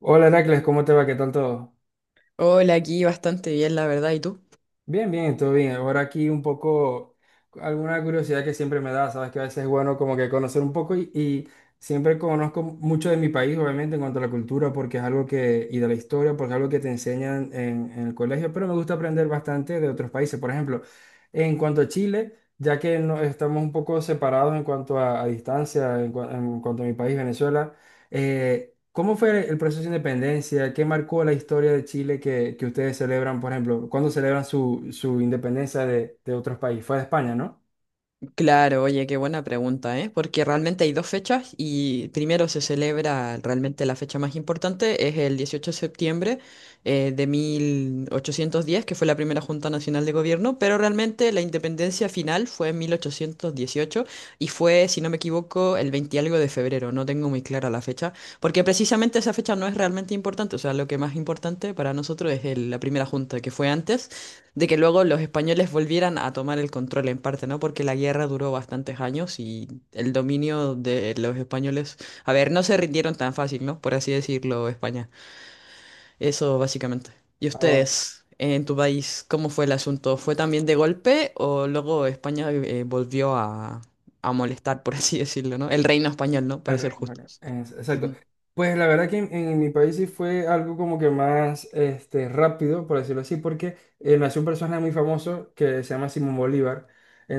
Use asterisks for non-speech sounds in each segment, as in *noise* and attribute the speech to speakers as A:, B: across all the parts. A: Hola Heracles, ¿cómo te va? ¿Qué tal todo?
B: Hola, aquí bastante bien, la verdad. ¿Y tú?
A: Bien, bien, todo bien. Ahora aquí un poco, alguna curiosidad que siempre me da, sabes que a veces es bueno como que conocer un poco y siempre conozco mucho de mi país, obviamente, en cuanto a la cultura, porque es algo que, y de la historia, porque es algo que te enseñan en el colegio, pero me gusta aprender bastante de otros países. Por ejemplo, en cuanto a Chile, ya que no, estamos un poco separados en cuanto a distancia, en, en cuanto a mi país, Venezuela. ¿Cómo fue el proceso de independencia? ¿Qué marcó la historia de Chile que ustedes celebran, por ejemplo? ¿Cuándo celebran su independencia de otros países? Fue de España, ¿no?
B: Claro, oye, qué buena pregunta, ¿eh? Porque realmente hay dos fechas y primero se celebra realmente la fecha más importante, es el 18 de septiembre de 1810, que fue la primera Junta Nacional de Gobierno, pero realmente la independencia final fue en 1818 y fue, si no me equivoco, el 20 y algo de febrero, no tengo muy clara la fecha, porque precisamente esa fecha no es realmente importante, o sea, lo que más importante para nosotros es la primera Junta que fue antes. De que luego los españoles volvieran a tomar el control en parte, ¿no? Porque la guerra duró bastantes años y el dominio de los españoles, a ver, no se rindieron tan fácil, ¿no? Por así decirlo, España. Eso básicamente. ¿Y
A: Ah, va.
B: ustedes, en tu país, cómo fue el asunto? ¿Fue también de golpe o luego España volvió a molestar, por *laughs* así decirlo, ¿no? El reino español, ¿no?
A: El
B: Para ser
A: Reino Unido.
B: justos.
A: Exacto.
B: Ujú.
A: Pues la verdad que en mi país sí fue algo como que más este, rápido, por decirlo así, porque nació un personaje muy famoso que se llama Simón Bolívar.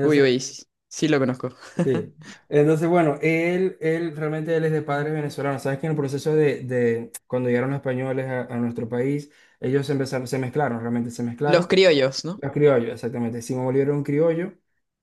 B: Uy, uy, sí, sí lo conozco.
A: sí.
B: *laughs*
A: Entonces, bueno, él realmente él es de padres venezolanos. Sabes que en el proceso de cuando llegaron los españoles a nuestro país, ellos se empezaron, se mezclaron, realmente se
B: Los
A: mezclaron.
B: criollos, ¿no?
A: Los criollos, exactamente. Simón Bolívar era un criollo.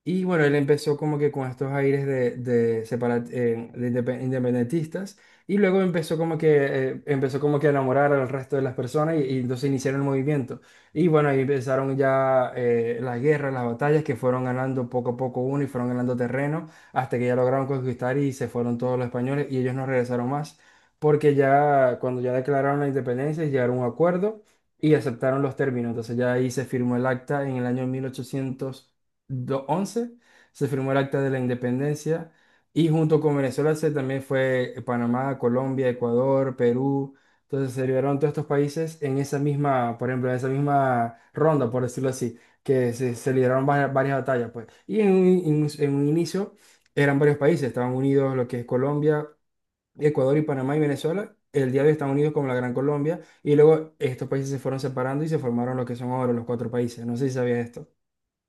A: Y bueno, él empezó como que con estos aires de independentistas. Y luego empezó como que a enamorar al resto de las personas y entonces iniciaron el movimiento. Y bueno, ahí empezaron ya las guerras, las batallas que fueron ganando poco a poco uno y fueron ganando terreno hasta que ya lograron conquistar y se fueron todos los españoles y ellos no regresaron más. Porque ya cuando ya declararon la independencia llegaron a un acuerdo y aceptaron los términos. Entonces ya ahí se firmó el acta en el año 1811, se firmó el acta de la independencia y junto con Venezuela se también fue Panamá, Colombia, Ecuador, Perú. Entonces se liberaron todos estos países en esa misma, por ejemplo, en esa misma ronda, por decirlo así, que se lideraron varias batallas, pues. Y en un, en un en un inicio eran varios países, estaban unidos lo que es Colombia. Ecuador y Panamá y Venezuela, el día de hoy están unidos como la Gran Colombia, y luego estos países se fueron separando y se formaron lo que son ahora los cuatro países. No sé si sabías esto.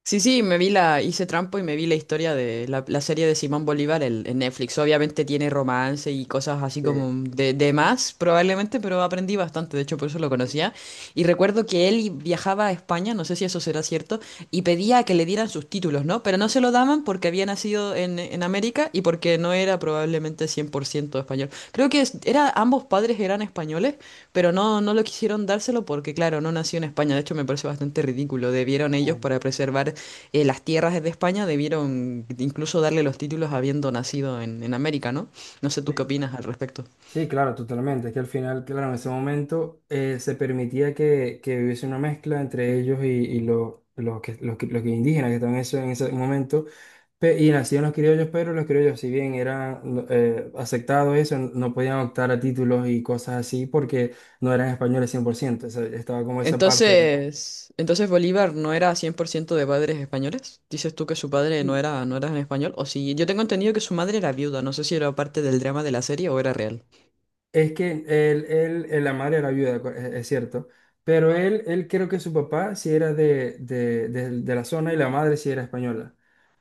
B: Sí, sí, me vi hice trampo y me vi la historia de la serie de Simón Bolívar en Netflix. Obviamente tiene romance y cosas así
A: Sí.
B: como de más, probablemente, pero aprendí bastante, de hecho por eso lo conocía. Y recuerdo que viajaba a España, no sé si eso será cierto, y pedía que le dieran sus títulos, ¿no? Pero no se lo daban porque había nacido en América y porque no era probablemente 100% español. Creo que era, ambos padres eran españoles, pero no lo quisieron dárselo porque, claro, no nació en España. De hecho, me parece bastante ridículo. Debieron ellos
A: Mm.
B: para preservar las tierras de España debieron incluso darle los títulos habiendo nacido en América, ¿no? No sé
A: Sí,
B: tú qué opinas al respecto.
A: sí, claro, totalmente. Es que al final, claro, en ese momento se permitía que hubiese una mezcla entre ellos y los que indígenas que estaban en ese momento. Y nacían los criollos, pero los criollos, si bien eran no, aceptados eso, no podían optar a títulos y cosas así porque no eran españoles 100%. O sea, estaba como esa parte. ¿No?
B: Entonces Bolívar no era 100% de padres españoles. Dices tú que su padre no
A: Y
B: era, no era en español. O si yo tengo entendido que su madre era viuda. No sé si era parte del drama de la serie o era real.
A: es que él, la madre era viuda, es cierto, pero él creo que su papá sí era de, de la zona y la madre sí era española.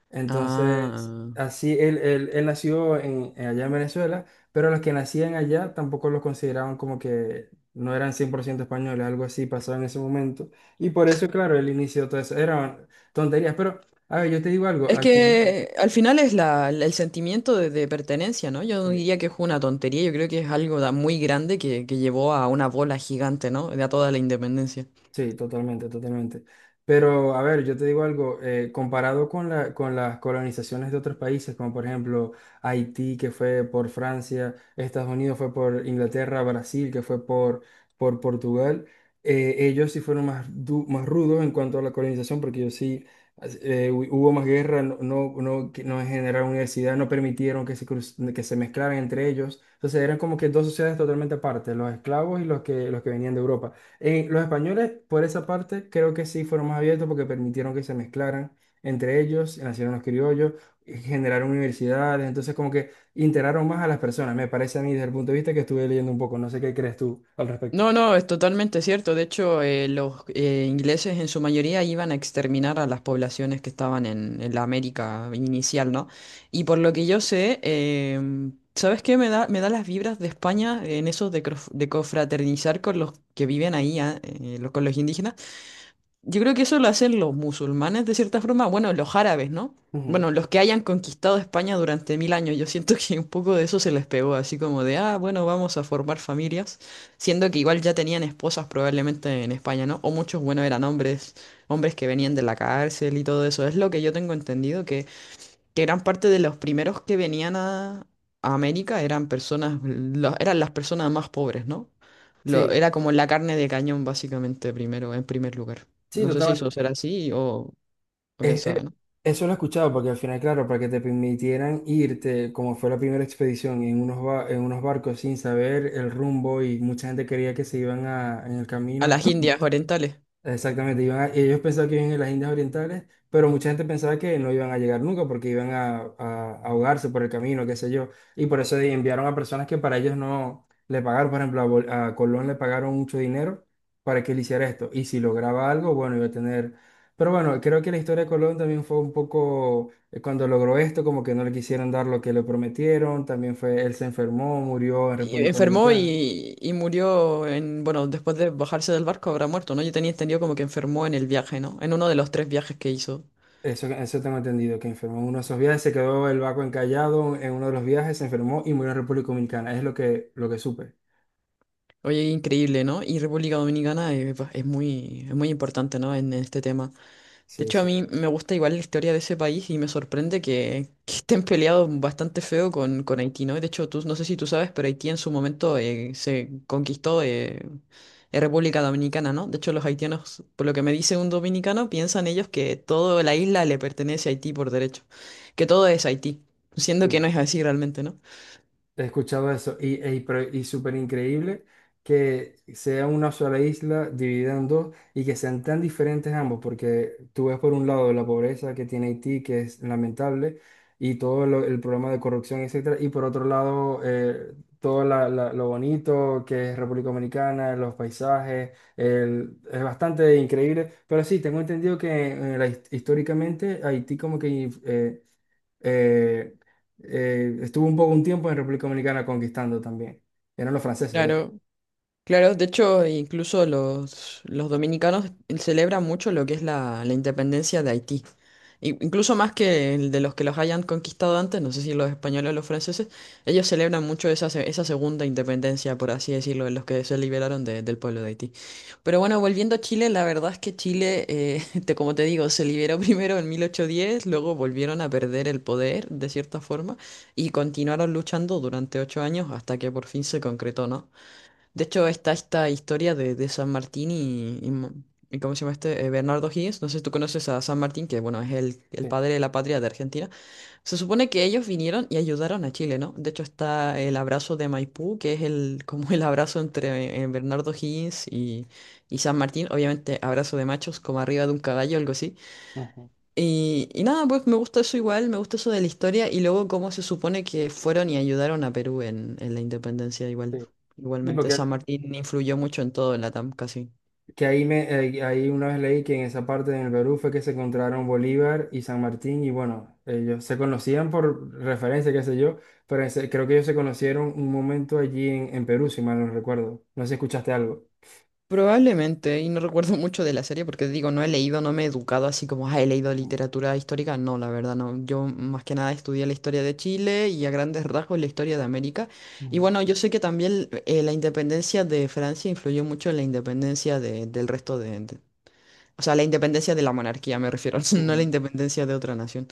A: Entonces,
B: Ah.
A: así él nació en allá en Venezuela, pero los que nacían allá tampoco los consideraban como que no eran 100% españoles, algo así pasaba en ese momento. Y por eso, claro, él inició todo eso. Eran tonterías, pero, a ver, yo te digo algo,
B: Es
A: al final...
B: que al final es el sentimiento de pertenencia, ¿no? Yo no
A: Sí.
B: diría que es una tontería. Yo creo que es algo muy grande que llevó a una bola gigante, ¿no? De a toda la independencia.
A: Sí, totalmente, totalmente. Pero, a ver, yo te digo algo, comparado con la, con las colonizaciones de otros países, como por ejemplo Haití, que fue por Francia, Estados Unidos fue por Inglaterra, Brasil, que fue por Portugal, ellos sí fueron más, más rudos en cuanto a la colonización, porque ellos sí, hubo más guerra, no, no, no, no generaron universidad, no permitieron que se, que se mezclaran entre ellos. Entonces eran como que dos sociedades totalmente aparte, los esclavos y los que venían de Europa. Los españoles, por esa parte, creo que sí fueron más abiertos porque permitieron que se mezclaran entre ellos, nacieron los criollos, generaron universidades, entonces como que integraron más a las personas, me parece a mí desde el punto de vista que estuve leyendo un poco, no sé qué crees tú al respecto.
B: No, es totalmente cierto. De hecho, los ingleses en su mayoría iban a exterminar a las poblaciones que estaban en la América inicial, ¿no? Y por lo que yo sé, ¿sabes qué? Me da las vibras de España en eso de de cofraternizar con los que viven ahí, con los indígenas. Yo creo que eso lo hacen los musulmanes de cierta forma, bueno, los árabes, ¿no?
A: Ujú.
B: Bueno, los que hayan conquistado España durante 1.000 años, yo siento que un poco de eso se les pegó, así como de, ah, bueno, vamos a formar familias, siendo que igual ya tenían esposas probablemente en España, ¿no? O muchos, bueno, eran hombres, hombres que venían de la cárcel y todo eso, es lo que yo tengo entendido, que gran parte de los primeros que venían a América eran personas, eran las personas más pobres, ¿no? Lo,
A: Sí,
B: era como la carne de cañón, básicamente, primero, en primer lugar.
A: sí,
B: No sé si eso
A: totalmente.
B: será así o quién
A: Es- es-
B: sabe, ¿no?
A: Eso lo he escuchado porque al final, claro, para que te permitieran irte, como fue la primera expedición, en unos, en unos barcos sin saber el rumbo y mucha gente quería que se iban a, en el
B: A
A: camino.
B: las Indias orientales.
A: Exactamente, ellos pensaban que iban en las Indias Orientales, pero mucha gente pensaba que no iban a llegar nunca porque iban a, a ahogarse por el camino, qué sé yo. Y por eso enviaron a personas que para ellos no le pagaron, por ejemplo, a Colón le pagaron mucho dinero para que él hiciera esto. Y si lograba algo, bueno, iba a tener... Pero bueno, creo que la historia de Colón también fue un poco, cuando logró esto, como que no le quisieron dar lo que le prometieron, también fue, él se enfermó, murió en
B: Y
A: República
B: enfermó
A: Dominicana.
B: y murió en, bueno, después de bajarse del barco habrá muerto, ¿no? Yo tenía entendido como que enfermó en el viaje, ¿no? En uno de los tres viajes que hizo.
A: Eso tengo entendido, que enfermó en uno de esos viajes, se quedó el barco encallado en uno de los viajes, se enfermó y murió en República Dominicana. Es lo que supe.
B: Oye, increíble, ¿no? Y República Dominicana pues, es muy importante, ¿no? En este tema. De
A: Sí,
B: hecho, a
A: sí,
B: mí me gusta igual la historia de ese país y me sorprende que, *laughs* que estén peleados bastante feo con Haití, ¿no? De hecho, tú, no sé si tú sabes, pero Haití en su momento se conquistó República Dominicana, ¿no? De hecho, los haitianos, por lo que me dice un dominicano, piensan ellos que toda la isla le pertenece a Haití por derecho, que todo es Haití, siendo que no
A: sí.
B: es así realmente, ¿no?
A: He escuchado eso y, ey, y súper increíble que sea una sola isla dividida en dos y que sean tan diferentes ambos, porque tú ves por un lado la pobreza que tiene Haití, que es lamentable, y el problema de corrupción, etcétera, y por otro lado todo lo bonito que es República Dominicana, los paisajes, es bastante increíble, pero sí, tengo entendido que históricamente Haití como que... eh, estuvo un poco un tiempo en República Dominicana conquistando también. Eran los franceses, de hecho.
B: Claro, claro, de hecho, incluso los dominicanos celebran mucho lo que es la independencia de Haití. I- Incluso más que el de los que los hayan conquistado antes, no sé si los españoles o los franceses, ellos celebran mucho esa segunda independencia, por así decirlo, de los que se liberaron del pueblo de Haití. Pero bueno, volviendo a Chile, la verdad es que Chile, *laughs* como te digo, se liberó primero en 1810, luego volvieron a perder el poder, de cierta forma, y continuaron luchando durante 8 años hasta que por fin se concretó, ¿no? De hecho, está esta historia de San Martín y ¿cómo se llama este? Bernardo O'Higgins. No sé si tú conoces a San Martín, que bueno, es el
A: Sí,
B: padre de la patria de Argentina. Se supone que ellos vinieron y ayudaron a Chile, ¿no? De hecho, está el abrazo de Maipú, que es el, *laughs* como el abrazo entre Bernardo O'Higgins y San Martín. Obviamente, abrazo de machos, como arriba de un caballo, algo así.
A: ujú,
B: Y nada, pues me gusta eso igual, me gusta eso de la historia y luego cómo se supone que fueron y ayudaron a Perú en la independencia igual.
A: sí. Sí,
B: Igualmente,
A: porque
B: San Martín influyó mucho en todo en Latam, casi.
A: que ahí, me, ahí una vez leí que en esa parte del Perú fue que se encontraron Bolívar y San Martín y bueno, ellos se conocían por referencia, qué sé yo, pero creo que ellos se conocieron un momento allí en Perú, si mal no recuerdo. No sé si escuchaste algo.
B: Probablemente, y no recuerdo mucho de la serie porque digo, no he leído, no me he educado así como, ah, he leído
A: Ujú,
B: literatura histórica. No, la verdad, no. Yo más que nada estudié la historia de Chile y a grandes rasgos la historia de América. Y
A: ujú,
B: bueno, yo sé que también la independencia de Francia influyó mucho en la independencia del resto o sea, la independencia de la monarquía, me refiero, *laughs* no la
A: ujú.
B: independencia de otra nación.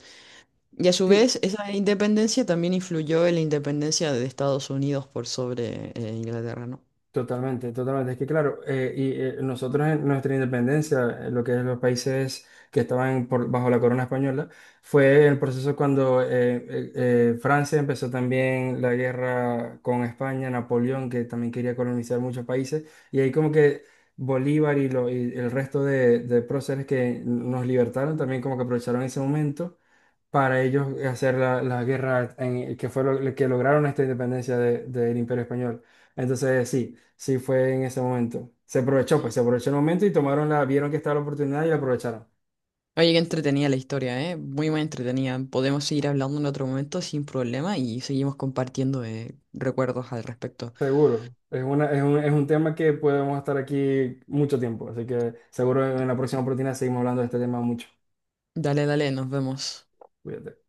B: Y a su
A: Sí,
B: vez, esa independencia también influyó en la independencia de Estados Unidos por sobre Inglaterra, ¿no?
A: totalmente, totalmente. Es que claro, nosotros en nuestra independencia, lo que es los países que estaban bajo la corona española, fue el proceso cuando Francia empezó también la guerra con España, Napoleón, que también quería colonizar muchos países, y ahí como que Bolívar y, y el resto de próceres que nos libertaron también como que aprovecharon ese momento para ellos hacer la, la guerra que fue lo que lograron esta independencia del Imperio Español. Entonces, sí. Sí, fue en ese momento. Se aprovechó, pues se aprovechó el momento y tomaron la, vieron que estaba la oportunidad y la aprovecharon.
B: Oye, qué entretenida la historia, ¿eh? Muy, muy entretenida. Podemos seguir hablando en otro momento sin problema y seguimos compartiendo recuerdos al respecto.
A: Seguro. Es una, es un tema que podemos estar aquí mucho tiempo. Así que seguro en la próxima oportunidad seguimos hablando de este tema mucho.
B: Dale, dale, nos vemos.
A: Cuídate.